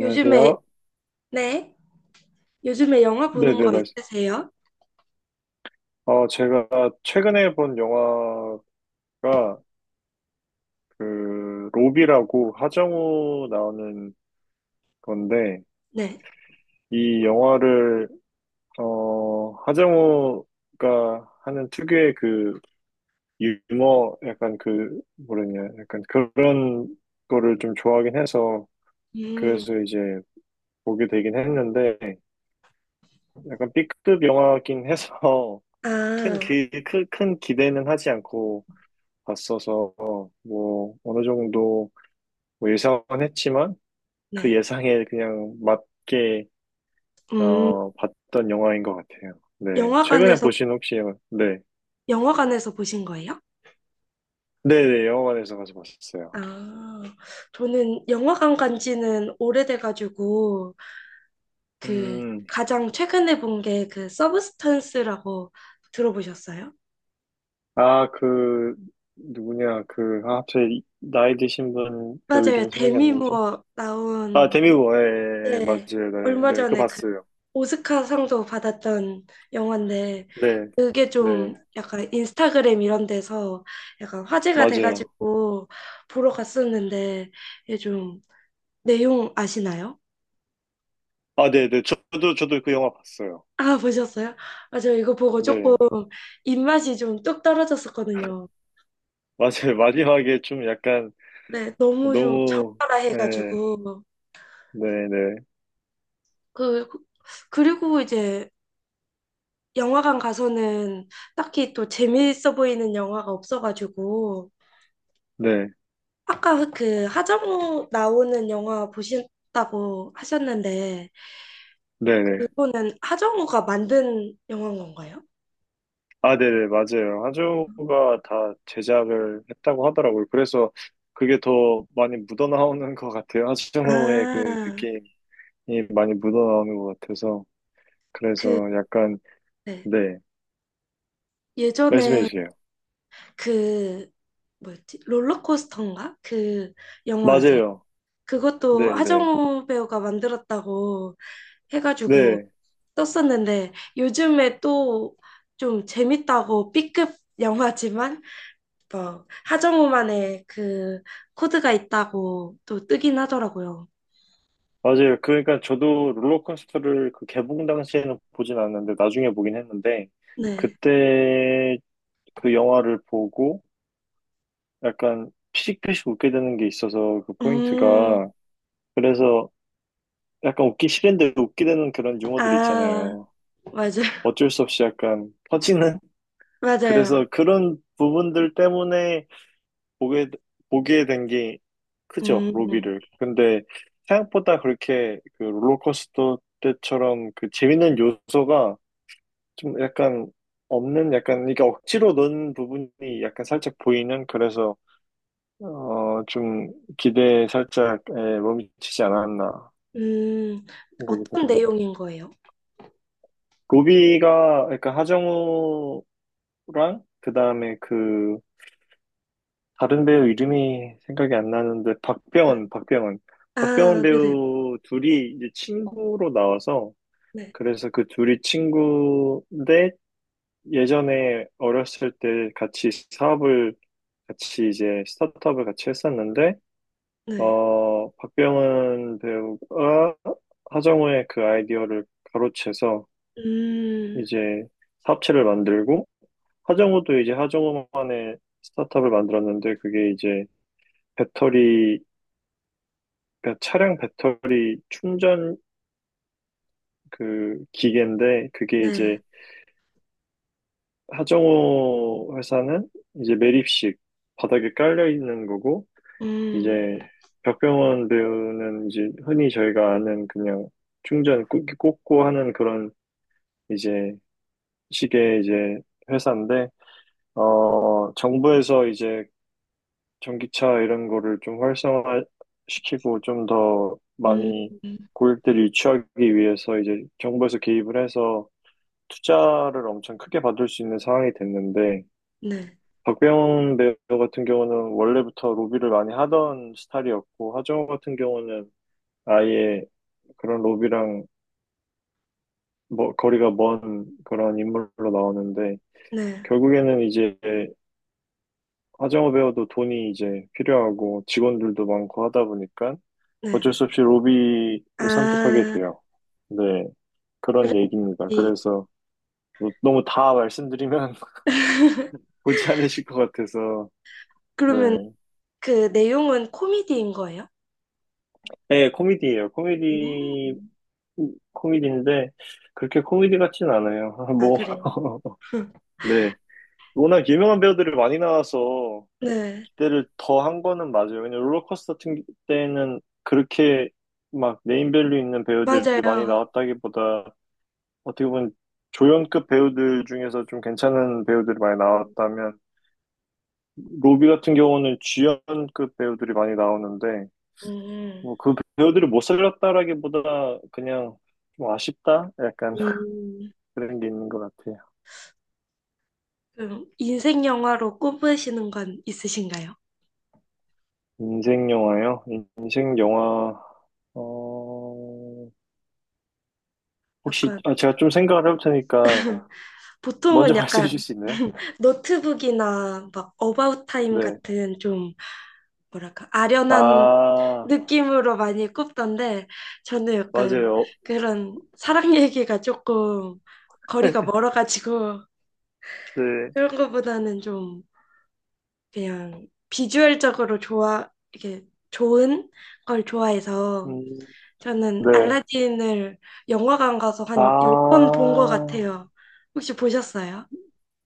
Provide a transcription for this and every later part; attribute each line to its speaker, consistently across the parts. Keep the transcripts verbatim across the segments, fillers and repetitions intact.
Speaker 1: 요즘에, 네. 요즘에 영화 보는
Speaker 2: 네네,
Speaker 1: 거
Speaker 2: 말씀.
Speaker 1: 있으세요?
Speaker 2: 어, 제가 최근에 본 영화가 그, 로비라고 하정우 나오는 건데,
Speaker 1: 네.
Speaker 2: 이 영화를, 어, 하정우가 하는 특유의 그, 유머, 약간 그, 뭐랬냐, 약간 그런 거를 좀 좋아하긴 해서, 그래서
Speaker 1: 음,
Speaker 2: 이제 보게 되긴 했는데, 약간 B급 영화긴 해서, 큰,
Speaker 1: 아,
Speaker 2: 기, 큰, 큰 기대는 하지 않고, 봤어서 뭐 어느 정도 뭐 예상은 했지만 그
Speaker 1: 네.
Speaker 2: 예상에 그냥 맞게
Speaker 1: 음,
Speaker 2: 어, 봤던 영화인 것 같아요. 네, 최근에
Speaker 1: 영화관에서,
Speaker 2: 보신 혹시 네,
Speaker 1: 영화관에서 보신 거예요?
Speaker 2: 네, 네, 영화관에서 가서 봤었어요.
Speaker 1: 아, 저는 영화관 간 지는 오래돼가지고, 그,
Speaker 2: 음,
Speaker 1: 가장 최근에 본 게 그 서브스턴스라고 들어보셨어요?
Speaker 2: 아, 그 누구냐 그 아, 갑자기 나이 드신 분 배우
Speaker 1: 맞아요.
Speaker 2: 이름이 생각이 안
Speaker 1: 데미
Speaker 2: 나지?
Speaker 1: 무어
Speaker 2: 아,
Speaker 1: 나온.
Speaker 2: 데미 모어, 예, 예,
Speaker 1: 네,
Speaker 2: 맞아요, 네,
Speaker 1: 얼마
Speaker 2: 네, 그
Speaker 1: 전에 그
Speaker 2: 봤어요.
Speaker 1: 오스카상도 받았던 영화인데,
Speaker 2: 네,
Speaker 1: 그게 좀
Speaker 2: 네,
Speaker 1: 약간 인스타그램 이런 데서 약간 화제가
Speaker 2: 맞아요.
Speaker 1: 돼가지고 보러 갔었는데 이게 좀 내용 아시나요?
Speaker 2: 아, 네, 네, 저도 저도 그 영화 봤어요.
Speaker 1: 아, 보셨어요? 아, 저 이거 보고 조금
Speaker 2: 네.
Speaker 1: 입맛이 좀 뚝 떨어졌었거든요.
Speaker 2: 맞아요. 마지막에 좀 약간
Speaker 1: 네, 너무 좀
Speaker 2: 너무,
Speaker 1: 적나라
Speaker 2: 네,
Speaker 1: 해가지고.
Speaker 2: 네네,
Speaker 1: 그 그리고 이제 영화관 가서는 딱히 또 재미있어 보이는 영화가 없어가지고,
Speaker 2: 네,
Speaker 1: 아까 그 하정우 나오는 영화 보신다고 하셨는데,
Speaker 2: 네네.
Speaker 1: 그거는 하정우가 만든 영화인 건가요?
Speaker 2: 아, 네네, 맞아요. 하조가 다 제작을 했다고 하더라고요. 그래서 그게 더 많이 묻어나오는 것 같아요. 하조의 그
Speaker 1: 아,
Speaker 2: 느낌이 많이 묻어나오는 것 같아서. 그래서
Speaker 1: 그,
Speaker 2: 약간,
Speaker 1: 네.
Speaker 2: 네, 말씀해
Speaker 1: 예전에
Speaker 2: 주세요.
Speaker 1: 그, 뭐였지? 롤러코스터인가? 그 영화 아세요?
Speaker 2: 맞아요.
Speaker 1: 그것도
Speaker 2: 네네, 네.
Speaker 1: 하정우 배우가 만들었다고 해가지고
Speaker 2: 네.
Speaker 1: 떴었는데, 요즘에 또 좀 재밌다고 B급 영화지만, 막 하정우만의 그 코드가 있다고 또 뜨긴 하더라고요.
Speaker 2: 맞아요. 그러니까 저도 롤러코스터를 그 개봉 당시에는 보진 않았는데, 나중에 보긴 했는데,
Speaker 1: 네.
Speaker 2: 그때 그 영화를 보고 약간 피식피식 웃게 되는 게 있어서 그
Speaker 1: 음,
Speaker 2: 포인트가 그래서 약간 웃기 싫은데 웃게 되는 그런 유머들
Speaker 1: 아,
Speaker 2: 있잖아요.
Speaker 1: 맞아요.
Speaker 2: 어쩔 수 없이 약간 터지는
Speaker 1: 맞아요.
Speaker 2: 그래서 그런 부분들 때문에 보게 보게 된 게 크죠
Speaker 1: 음,
Speaker 2: 로비를. 근데 생각보다 그렇게 그 롤러코스터 때처럼 그 재밌는 요소가 좀 약간 없는 약간 이게 억지로 넣은 부분이 약간 살짝 보이는 그래서 어, 좀 기대에 살짝 예, 몸치지 않았나
Speaker 1: 음,
Speaker 2: 생각이
Speaker 1: 어떤
Speaker 2: 들어요.
Speaker 1: 내용인 거예요?
Speaker 2: 로비가 그러니까 하정우랑 그다음에 그 다른 배우 이름이 생각이 안 나는데 박병원, 박병원. 박병원
Speaker 1: 아, 네네.
Speaker 2: 배우 둘이 이제 친구로 나와서
Speaker 1: 네,
Speaker 2: 그래서 그 둘이 친구인데 예전에 어렸을 때 같이 사업을 같이 이제 스타트업을 같이 했었는데
Speaker 1: 네.
Speaker 2: 어, 박병은 배우가 하정우의 그 아이디어를 가로채서
Speaker 1: 음,
Speaker 2: 이제 사업체를 만들고 하정우도 이제 하정우만의 스타트업을 만들었는데 그게 이제 배터리 그러니까 차량 배터리 충전 그 기계인데 그게
Speaker 1: 네.
Speaker 2: 이제 하정우 회사는 이제 매립식 바닥에 깔려 있는 거고
Speaker 1: 음,
Speaker 2: 이제 박병원 배우는 이제 흔히 저희가 아는 그냥 충전 꽂- 꽂고 하는 그런 이제 시계 이제 회사인데 어 정부에서 이제 전기차 이런 거를 좀 활성화시키고 좀 더
Speaker 1: 음,
Speaker 2: 많이 고객들이 유치하기 위해서 이제 정부에서 개입을 해서 투자를 엄청 크게 받을 수 있는 상황이 됐는데
Speaker 1: 네,
Speaker 2: 박병 배우 같은 경우는 원래부터 로비를 많이 하던 스타일이었고 하정우 같은 경우는 아예 그런 로비랑 뭐 거리가 먼 그런 인물로 나오는데
Speaker 1: 네,
Speaker 2: 결국에는 이제 화정어 배우도 돈이 이제 필요하고 직원들도 많고 하다 보니까 어쩔
Speaker 1: 네.
Speaker 2: 수 없이 로비를 선택하게
Speaker 1: 아,
Speaker 2: 돼요. 네, 그런 얘기입니다.
Speaker 1: 그렇지.
Speaker 2: 그래서 뭐 너무 다 말씀드리면 보지 않으실 것 같아서 네,
Speaker 1: 그러면 그 내용은 코미디인 거예요?
Speaker 2: 네, 코미디예요. 코미디
Speaker 1: 음,
Speaker 2: 코미디인데 그렇게 코미디 같진 않아요.
Speaker 1: 아,
Speaker 2: 뭐
Speaker 1: 그래.
Speaker 2: 네, 워낙 유명한 배우들이 많이 나와서
Speaker 1: 네,
Speaker 2: 때를 더 한 거는 맞아요. 왜냐 롤러코스터 같은 때는 그렇게 막 네임밸류 있는 배우들이 많이
Speaker 1: 맞아요.
Speaker 2: 나왔다기보다 어떻게 보면 조연급 배우들 중에서 좀 괜찮은 배우들이 많이
Speaker 1: 음,
Speaker 2: 나왔다면 로비 같은 경우는 주연급 배우들이 많이 나오는데
Speaker 1: 음,
Speaker 2: 뭐 그 배우들을 못 살렸다라기보다 그냥 좀 아쉽다? 약간
Speaker 1: 음. 음.
Speaker 2: 그런 게 있는 것 같아요.
Speaker 1: 그럼 인생 영화로 꼽으시는 건 있으신가요?
Speaker 2: 인생 영화요? 인생 영화 어... 혹시
Speaker 1: 약간
Speaker 2: 아, 제가 좀 생각을 해볼 테니까 먼저
Speaker 1: 보통은
Speaker 2: 말씀해
Speaker 1: 약간
Speaker 2: 주실 수 있나요?
Speaker 1: 노트북이나 막 어바웃 타임
Speaker 2: 네.
Speaker 1: 같은 좀 뭐랄까 아련한
Speaker 2: 아,
Speaker 1: 느낌으로 많이 꼽던데, 저는 약간
Speaker 2: 맞아요.
Speaker 1: 그런 사랑 얘기가 조금 거리가 멀어가지고,
Speaker 2: 네.
Speaker 1: 그런 거보다는 좀 그냥 비주얼적으로 좋아. 이게 좋은 걸 좋아해서
Speaker 2: 음,
Speaker 1: 저는
Speaker 2: 네.
Speaker 1: 알라딘을 영화관 가서 한 열 번 본 것
Speaker 2: 아,
Speaker 1: 같아요. 혹시 보셨어요?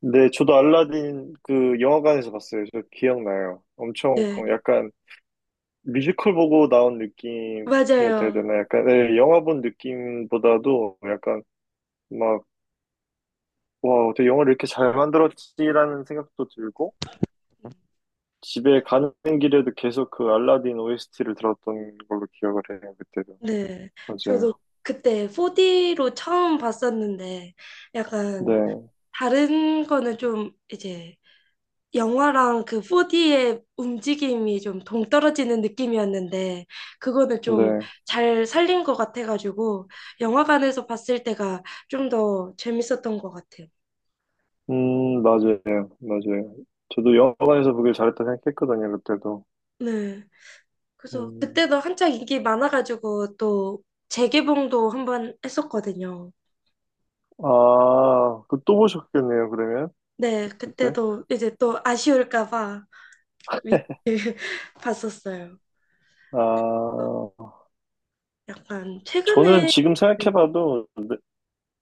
Speaker 2: 네. 저도 알라딘 그 영화관에서 봤어요. 저 기억나요. 엄청
Speaker 1: 네,
Speaker 2: 약간 뮤지컬 보고 나온 느낌이었다 해야
Speaker 1: 맞아요.
Speaker 2: 되나? 약간, 네, 영화 본 느낌보다도 약간 막, 와, 어떻게 영화를 이렇게 잘 만들었지라는 생각도 들고, 집에 가는 길에도 계속 그 알라딘 오에스티를 들었던 걸로 기억을 해요, 그때도.
Speaker 1: 네, 저도
Speaker 2: 맞아요.
Speaker 1: 그때 포디로 처음 봤었는데, 약간
Speaker 2: 네,
Speaker 1: 다른 거는 좀 이제 영화랑 그 포디의 움직임이 좀 동떨어지는 느낌이었는데, 그거는 좀
Speaker 2: 네.
Speaker 1: 잘 살린 것 같아가지고 영화관에서 봤을 때가 좀 더 재밌었던 것 같아요.
Speaker 2: 음, 맞아요. 맞아요. 저도 영화관에서 보길 잘했다 생각했거든요, 그때도.
Speaker 1: 네. 그래서
Speaker 2: 음,
Speaker 1: 그때도 한창 인기 많아가지고 또 재개봉도 한번 했었거든요.
Speaker 2: 아, 그 또 보셨겠네요, 그러면?
Speaker 1: 네,
Speaker 2: 그때?
Speaker 1: 그때도 이제 또 아쉬울까 봐 위- 봤었어요.
Speaker 2: 아,
Speaker 1: 약간
Speaker 2: 저는
Speaker 1: 최근에
Speaker 2: 지금 생각해봐도 네-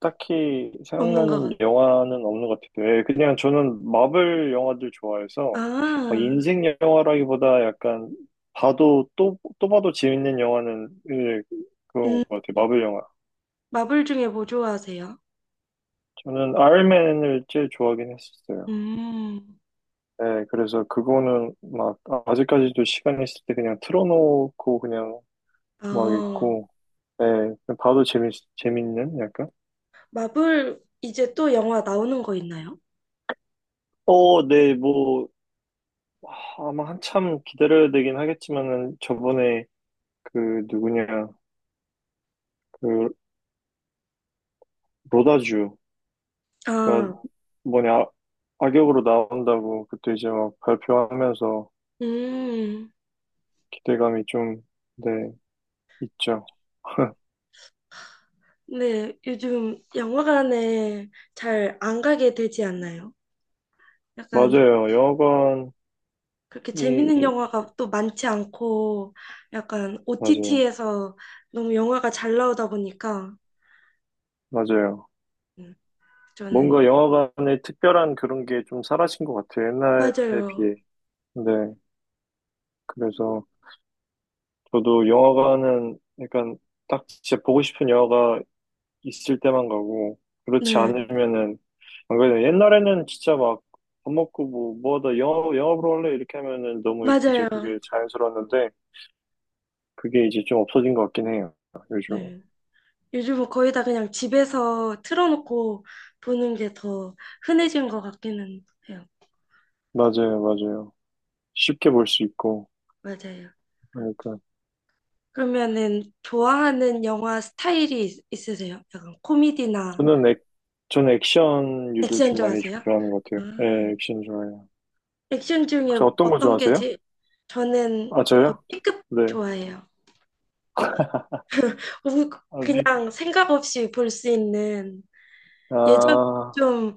Speaker 2: 딱히
Speaker 1: 없는 것
Speaker 2: 생각나는
Speaker 1: 같아요.
Speaker 2: 영화는 없는 것 같아요. 예, 그냥 저는 마블 영화들 좋아해서 막
Speaker 1: 아,
Speaker 2: 인생 영화라기보다 약간 봐도 또, 또 봐도 재밌는 영화는 예,
Speaker 1: 음,
Speaker 2: 그런 것 같아요. 마블 영화.
Speaker 1: 마블 중에 뭐 좋아하세요?
Speaker 2: 저는 아이언맨을 제일 좋아하긴 했었어요.
Speaker 1: 음,
Speaker 2: 네, 그래서 그거는 막 아직까지도 시간 있을 때 그냥 틀어놓고 그냥 막
Speaker 1: 아,
Speaker 2: 있고, 네, 그냥 봐도 재밌, 재밌는 약간?
Speaker 1: 마블 이제 또 영화 나오는 거 있나요?
Speaker 2: 어, 네, 뭐, 하, 아마 한참 기다려야 되긴 하겠지만은 저번에 그 누구냐, 그 로다주가
Speaker 1: 아,
Speaker 2: 뭐냐, 악역으로 나온다고 그때 이제 막 발표하면서
Speaker 1: 음,
Speaker 2: 기대감이 좀, 네, 있죠.
Speaker 1: 네, 요즘 영화관에 잘 안 가게 되지 않나요? 약간
Speaker 2: 맞아요. 영화관이,
Speaker 1: 그렇게 재밌는 영화가 또 많지 않고 약간
Speaker 2: 맞아요.
Speaker 1: 오티티에서 너무 영화가 잘 나오다 보니까,
Speaker 2: 맞아요.
Speaker 1: 음, 저는
Speaker 2: 뭔가 영화관의 특별한 그런 게 좀 사라진 것 같아요. 옛날에
Speaker 1: 맞아요.
Speaker 2: 비해. 네. 그래서 저도 영화관은 약간 딱 진짜 보고 싶은 영화가 있을 때만 가고, 그렇지
Speaker 1: 네,
Speaker 2: 않으면은, 안 그래도 옛날에는 진짜 막 밥 먹고 뭐, 뭐 하다 영화, 영화 보러 갈래? 이렇게 하면은 너무 이제
Speaker 1: 맞아요.
Speaker 2: 그게 자연스러웠는데, 그게 이제 좀 없어진 것 같긴 해요. 요즘.
Speaker 1: 네. 요즘은 거의 다 그냥 집에서 틀어놓고 보는 게 더 흔해진 것 같기는 해요.
Speaker 2: 맞아요, 맞아요. 쉽게 볼 수 있고
Speaker 1: 맞아요.
Speaker 2: 하니까.
Speaker 1: 그러면은 좋아하는 영화 스타일이 있- 있으세요? 약간 코미디나
Speaker 2: 저는 액, 저는 액션류를
Speaker 1: 액션
Speaker 2: 좀 많이
Speaker 1: 좋아하세요?
Speaker 2: 좋아하는 것 같아요.
Speaker 1: 아,
Speaker 2: 네, 액션 좋아해요.
Speaker 1: 액션
Speaker 2: 혹시
Speaker 1: 중에
Speaker 2: 어떤 거
Speaker 1: 어떤 게
Speaker 2: 좋아하세요?
Speaker 1: 제, 저는
Speaker 2: 아,
Speaker 1: 약간
Speaker 2: 저요?
Speaker 1: B급
Speaker 2: 네.
Speaker 1: 좋아해요. 너무
Speaker 2: 아, 리,
Speaker 1: 그냥 생각 없이 볼 수 있는 예전
Speaker 2: 아,
Speaker 1: 좀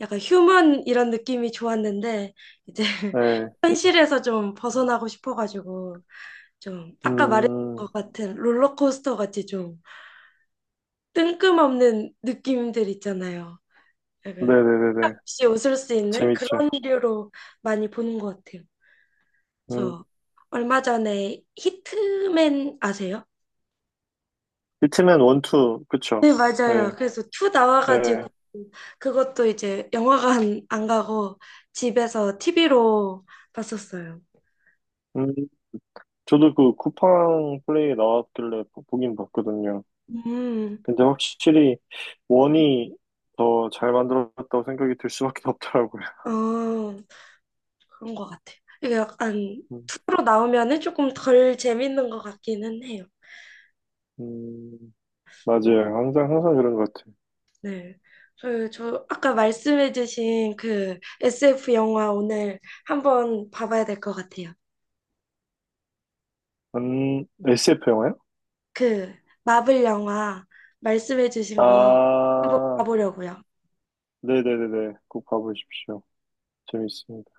Speaker 1: 약간 휴먼 이런 느낌이 좋았는데 이제
Speaker 2: 네.
Speaker 1: 현실에서 좀 벗어나고 싶어가지고 좀 아까 말했던
Speaker 2: 음,
Speaker 1: 것 같은 롤러코스터 같이 좀 뜬금없는 느낌들 있잖아요. 약간
Speaker 2: 네네네네.
Speaker 1: 없이 웃을 수 있는
Speaker 2: 재밌죠.
Speaker 1: 그런 류로 많이 보는 것 같아요.
Speaker 2: 음,
Speaker 1: 그래서 얼마 전에 히트맨 아세요?
Speaker 2: 히트맨 원투,
Speaker 1: 네,
Speaker 2: 그쵸? 네,
Speaker 1: 맞아요. 그래서 투 나와가지고
Speaker 2: 네.
Speaker 1: 그것도 이제 영화관 안 가고 집에서 티비로 봤었어요.
Speaker 2: 음, 저도 그 쿠팡 플레이 나왔길래 보- 보긴 봤거든요.
Speaker 1: 음,
Speaker 2: 근데 확실히 원이 더 잘 만들었다고 생각이 들 수밖에 없더라고요.
Speaker 1: 어, 그런 것 같아요. 이게 약간
Speaker 2: 음,
Speaker 1: 투로 나오면은 조금 덜 재밌는 것 같기는 해요.
Speaker 2: 음, 맞아요. 항상, 항상 그런 것 같아요.
Speaker 1: 네. 저, 저 아까 말씀해주신 그 에스에프 영화 오늘 한번 봐봐야 될 것 같아요.
Speaker 2: 음, 에스에프 영화요?
Speaker 1: 그 마블 영화 말씀해주신 거 한번
Speaker 2: 아,
Speaker 1: 봐보려고요.
Speaker 2: 네네네네. 꼭 봐보십시오. 재밌습니다.